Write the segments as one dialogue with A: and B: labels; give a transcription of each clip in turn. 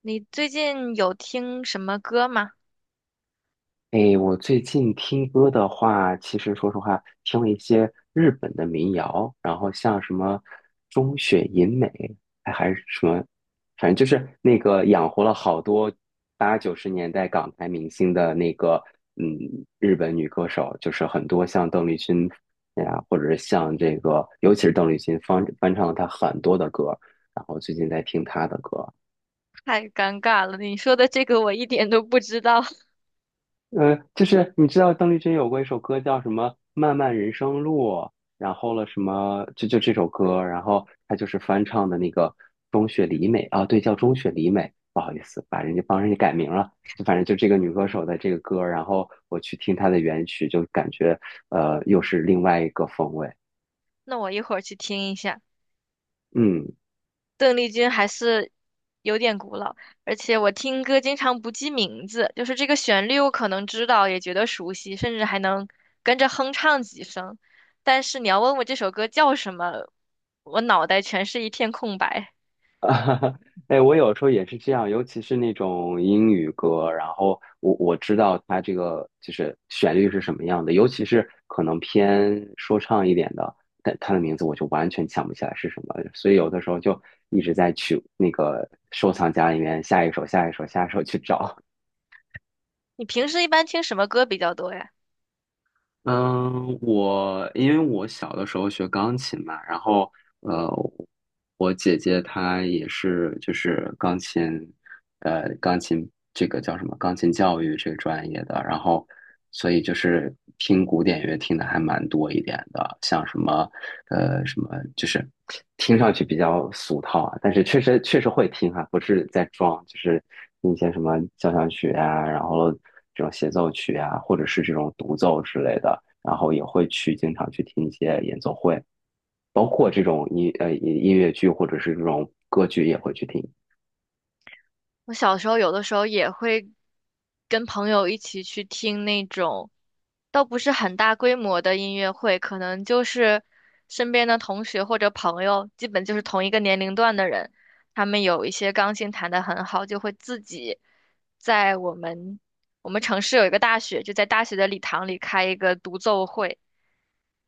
A: 你最近有听什么歌吗？
B: 诶，我最近听歌的话，其实说实话，听了一些日本的民谣，然后像什么中雪银美，哎还是什么，反正就是那个养活了好多八九十年代港台明星的那个，嗯，日本女歌手，就是很多像邓丽君呀，或者是像这个，尤其是邓丽君翻唱了她很多的歌，然后最近在听她的歌。
A: 太尴尬了，你说的这个我一点都不知道。
B: 就是你知道邓丽君有过一首歌叫什么《漫漫人生路》，然后了什么就这首歌，然后她就是翻唱的那个中雪里美啊，对，叫中雪里美，不好意思，把人家帮人家改名了，就反正就这个女歌手的这个歌，然后我去听她的原曲，就感觉又是另外一个风味，
A: 那我一会儿去听一下。
B: 嗯。
A: 邓丽君还是有点古老，而且我听歌经常不记名字，就是这个旋律我可能知道，也觉得熟悉，甚至还能跟着哼唱几声。但是你要问我这首歌叫什么，我脑袋全是一片空白。
B: 啊，哎，我有时候也是这样，尤其是那种英语歌，然后我知道它这个就是旋律是什么样的，尤其是可能偏说唱一点的，但它的名字我就完全想不起来是什么，所以有的时候就一直在去那个收藏夹里面下一首、下一首、下一首去找。
A: 你平时一般听什么歌比较多呀？
B: 嗯，我因为我小的时候学钢琴嘛，然后呃，我姐姐她也是就是钢琴，钢琴这个叫什么？钢琴教育这个专业的，然后所以就是听古典乐听的还蛮多一点的，像什么呃什么，就是听上去比较俗套啊，但是确实会听哈、不是在装，就是听一些什么交响曲啊，然后。这种协奏曲啊，或者是这种独奏之类的，然后也会去经常去听一些演奏会，包括这种音乐剧或者是这种歌剧也会去听。
A: 我小时候有的时候也会跟朋友一起去听那种，倒不是很大规模的音乐会，可能就是身边的同学或者朋友，基本就是同一个年龄段的人，他们有一些钢琴弹得很好，就会自己在我们城市有一个大学，就在大学的礼堂里开一个独奏会，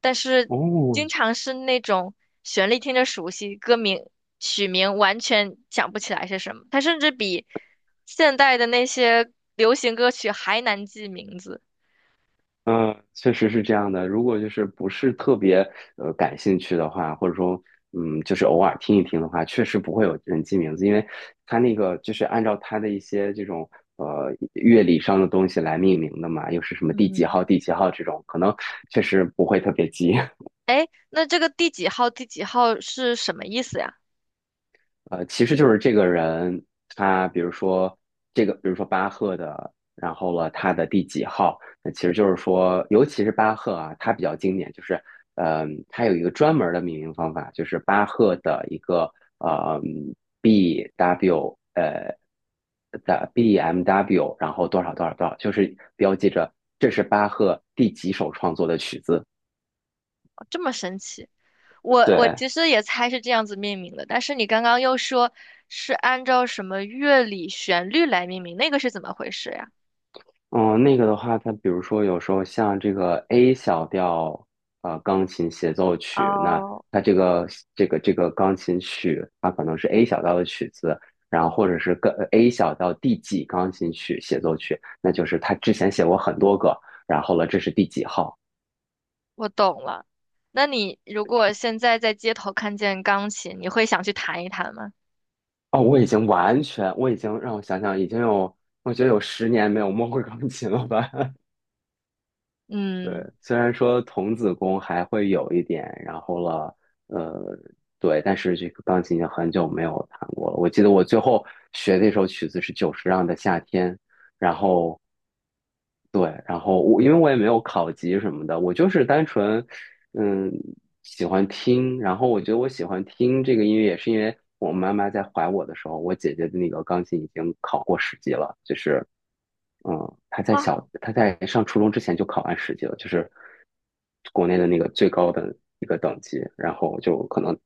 A: 但是
B: 哦，
A: 经常是那种旋律听着熟悉，歌名曲名完全想不起来是什么，它甚至比现代的那些流行歌曲还难记名字。
B: 嗯，确实是这样的。如果就是不是特别感兴趣的话，或者说就是偶尔听一听的话，确实不会有人记名字，因为它那个就是按照它的一些这种乐理上的东西来命名的嘛，又是什么第几号、
A: 嗯。
B: 第几号这种，可能确实不会特别记。
A: 哎，那这个第几号第几号是什么意思呀？
B: 其实就是这个人，他比如说这个，比如说巴赫的，然后了他的第几号，那其实就是说，尤其是巴赫啊，他比较经典，就是，他有一个专门的命名方法，就是巴赫的一个呃 B W 的 B M W，然后多少多少多少，就是标记着这是巴赫第几首创作的曲子，
A: 这么神奇。我
B: 对。
A: 其实也猜是这样子命名的，但是你刚刚又说是按照什么乐理旋律来命名，那个是怎么回事呀？
B: 嗯，那个的话，它比如说有时候像这个 A 小调，钢琴协奏曲，那
A: 哦，
B: 它这个钢琴曲，它可能是 A 小调的曲子，然后或者是跟 A 小调第几钢琴曲协奏曲，那就是他之前写过很多个，然后了，这是第几号？
A: 我懂了。那你如果现在在街头看见钢琴，你会想去弹一弹吗？
B: 哦，我已经完全，我已经让我想想，已经有，我觉得有十年没有摸过钢琴了吧？对，
A: 嗯。
B: 虽然说童子功还会有一点，然后了，呃，对，但是这个钢琴已经很久没有弹过了。我记得我最后学那首曲子是久石让的《夏天》，然后对，然后我因为我也没有考级什么的，我就是单纯，嗯，喜欢听。然后我觉得我喜欢听这个音乐，也是因为我妈妈在怀我的时候，我姐姐的那个钢琴已经考。就是，嗯，
A: 哇。
B: 他在上初中之前就考完10级了，就是国内的那个最高的一个等级，然后就可能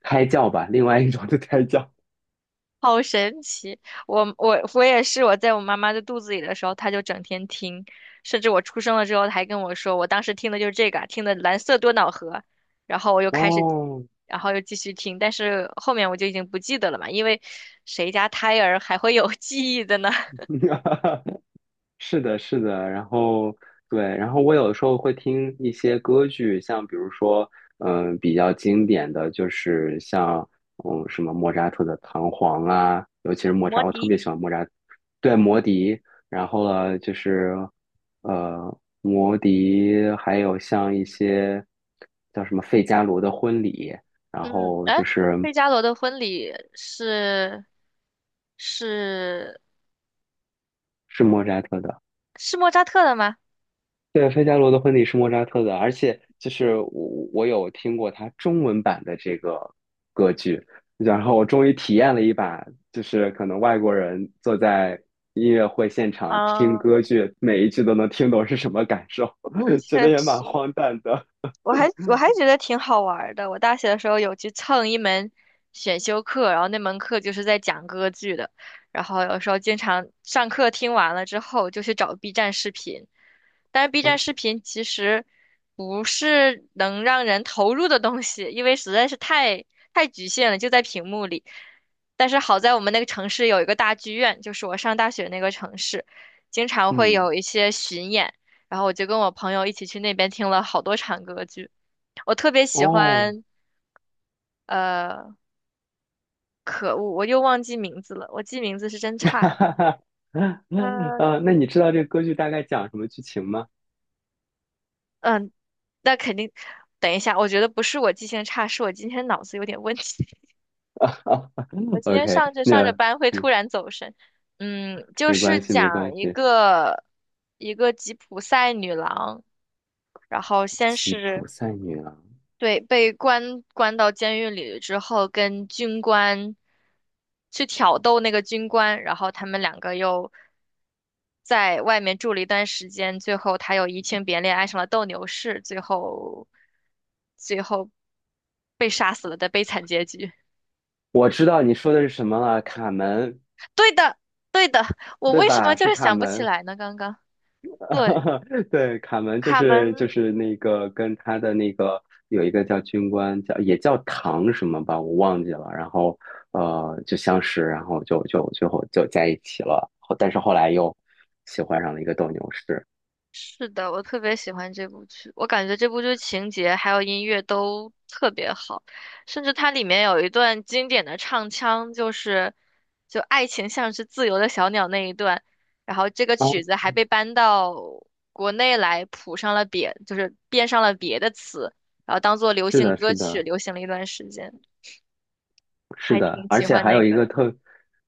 B: 胎教吧，另外一种的胎教。
A: 好神奇！我我也是，我在我妈妈的肚子里的时候，她就整天听，甚至我出生了之后，她还跟我说，我当时听的就是这个啊听的《蓝色多瑙河》，然后我又开始，
B: 哦，
A: 然后又继续听，但是后面我就已经不记得了嘛，因为谁家胎儿还会有 记忆的呢？
B: 是的，是的，然后对，然后我有时候会听一些歌剧，像比如说，比较经典的就是像，什么莫扎特的《唐璜》啊，尤其是莫
A: 摩
B: 扎，我特
A: 笛。
B: 别喜欢莫扎，对，魔笛，然后呢，就是，魔笛，还有像一些叫什么费加罗的婚礼，然
A: 嗯，
B: 后
A: 哎，
B: 就是
A: 费加罗的婚礼是
B: 是莫扎特的。
A: 是莫扎特的吗？
B: 对，费加罗的婚礼是莫扎特的，而且就是我有听过他中文版的这个剧，然后我终于体验了一把，就是可能外国人坐在音乐会现场听
A: 嗯，
B: 歌剧，每一句都能听懂是什么感受，觉
A: 确
B: 得也蛮
A: 实。
B: 荒诞的。
A: 我还觉得挺好玩儿的。我大学的时候有去蹭一门选修课，然后那门课就是在讲歌剧的，然后有时候经常上课听完了之后就去找 B 站视频，但是 B 站视频其实不是能让人投入的东西，因为实在是太局限了，就在屏幕里。但是好在我们那个城市有一个大剧院，就是我上大学那个城市，经常会
B: 嗯，
A: 有一些巡演。然后我就跟我朋友一起去那边听了好多场歌剧。我特别喜
B: 哦，
A: 欢，呃，可恶，我又忘记名字了，我记名字是真 差
B: 哈
A: 呀、
B: 哈哈，
A: 那，
B: 那你知道这个歌剧大概讲什么剧情吗
A: 嗯，那肯定，等一下，我觉得不是我记性差，是我今天脑子有点问题。我今天
B: ？OK，
A: 上着上着
B: 那
A: 班会
B: 没
A: 突然走神。嗯，就
B: 没
A: 是
B: 关系，没
A: 讲
B: 关
A: 一
B: 系，
A: 个吉普赛女郎，然后先
B: 吉
A: 是
B: 普赛女郎。
A: 对，被关到监狱里之后，跟军官去挑逗那个军官，然后他们两个又在外面住了一段时间，最后他又移情别恋，爱上了斗牛士，最后被杀死了的悲惨结局。
B: 我知道你说的是什么了，卡门，
A: 对的，我
B: 对
A: 为什么
B: 吧？
A: 就
B: 是
A: 是
B: 卡
A: 想不起
B: 门，
A: 来呢？刚刚对，
B: 对，卡门就
A: 卡
B: 是就
A: 门。
B: 是那个跟他的那个有一个叫军官叫也叫唐什么吧，我忘记了。然后就相识，然后就最后就在一起了。但是后来又喜欢上了一个斗牛士。
A: 是的，我特别喜欢这部剧，我感觉这部剧情节还有音乐都特别好，甚至它里面有一段经典的唱腔，就是就爱情像是自由的小鸟那一段，然后这个曲
B: 哦，
A: 子还被搬到国内来谱上了别，就是变上了别的词，然后当做流
B: 是
A: 行
B: 的，
A: 歌
B: 是
A: 曲
B: 的，
A: 流行了一段时间，
B: 是
A: 还
B: 的，
A: 挺
B: 而
A: 喜
B: 且
A: 欢
B: 还有
A: 那
B: 一
A: 个
B: 个
A: 的。
B: 特，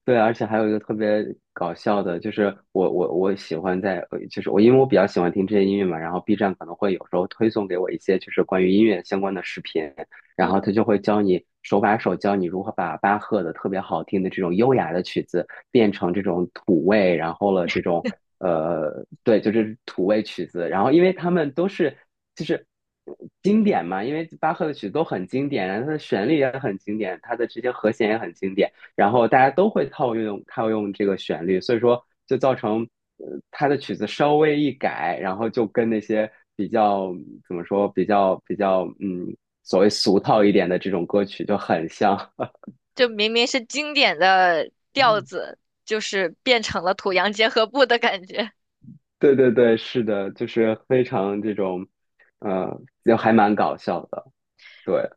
B: 对，而且还有一个特别搞笑的，就是我喜欢在，就是我因为我比较喜欢听这些音乐嘛，然后 B 站可能会有时候推送给我一些就是关于音乐相关的视频，然
A: 嗯，
B: 后他就会教你手把手教你如何把巴赫的特别好听的这种优雅的曲子变成这种土味，然后了这种对，就是土味曲子。然后因为他们都是就是经典嘛，因为巴赫的曲子都很经典，然后它的旋律也很经典，它的这些和弦也很经典，然后大家都会套用套用这个旋律，所以说就造成。他的曲子稍微一改，然后就跟那些比较怎么说，比较所谓俗套一点的这种歌曲就很像。
A: 就明明是经典的调 子，就是变成了土洋结合部的感觉。
B: 对对对，是的，就是非常这种，呃，就还蛮搞笑的。对，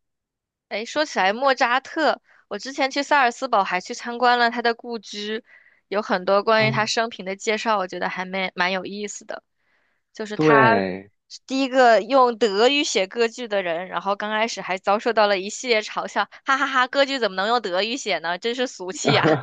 A: 哎，说起来莫扎特，我之前去萨尔斯堡还去参观了他的故居，有很多关于他
B: 嗯，
A: 生平的介绍，我觉得还蛮有意思的。就是他
B: 对，
A: 是第一个用德语写歌剧的人，然后刚开始还遭受到了一系列嘲笑，哈哈哈，歌剧怎么能用德语写呢？真是俗气呀。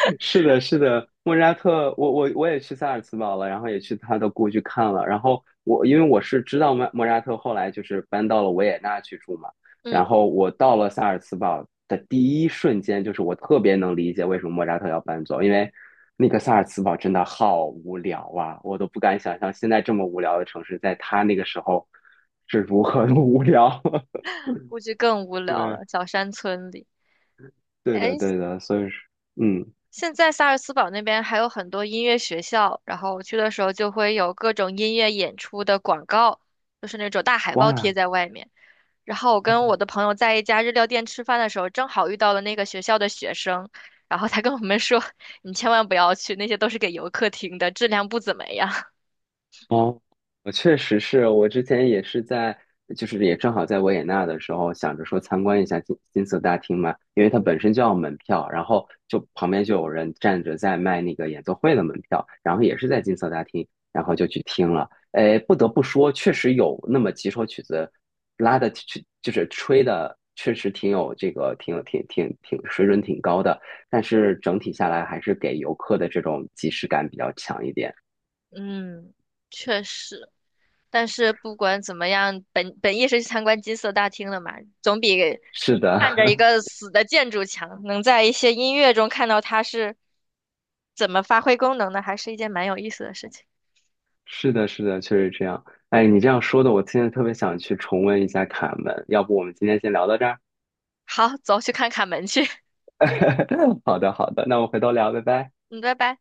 B: 是的，是的，莫扎特，我也去萨尔茨堡了，然后也去他的故居看了。然后我因为我是知道莫扎特后来就是搬到了维也纳去住嘛，然
A: 嗯，
B: 后我到了萨尔茨堡的第一瞬间，就是我特别能理解为什么莫扎特要搬走，因为那个萨尔茨堡真的好无聊啊，我都不敢想象现在这么无聊的城市，在他那个时候是如何的无聊。
A: 估计更无聊
B: 对，
A: 了，小山村里。
B: 对
A: 哎，
B: 的，对的，所以是，嗯，
A: 现在萨尔茨堡那边还有很多音乐学校，然后我去的时候就会有各种音乐演出的广告，就是那种大海报贴
B: 哇。
A: 在外面。然后我
B: 嗯
A: 跟我的朋友在一家日料店吃饭的时候，正好遇到了那个学校的学生，然后他跟我们说：“你千万不要去，那些都是给游客听的，质量不怎么样。”
B: 哦，我确实是我之前也是在，就是也正好在维也纳的时候，想着说参观一下金色大厅嘛，因为它
A: 嗯。
B: 本身就要门票，然后就旁边就有人站着在卖那个演奏会的门票，然后也是在金色大厅，然后就去听了。哎，不得不说，确实有那么几首曲子拉的去，就是吹的，确实挺有这个，挺有挺水准挺高的，但是整体下来还是给游客的这种即视感比较强一点。
A: 嗯，确实。但是不管怎么样，本意是去参观金色大厅的嘛，总比
B: 是
A: 看着一
B: 的。
A: 个死的建筑强。能在一些音乐中看到它是怎么发挥功能的，还是一件蛮有意思的事情。
B: 是的，是的，确实这样。哎，你这样说的，我现在特别想去重温一下《卡门》，要不我们今天先聊到这儿？
A: 好，走去看卡门去，
B: 好的，好的，那我们回头聊，拜拜。
A: 嗯，拜拜。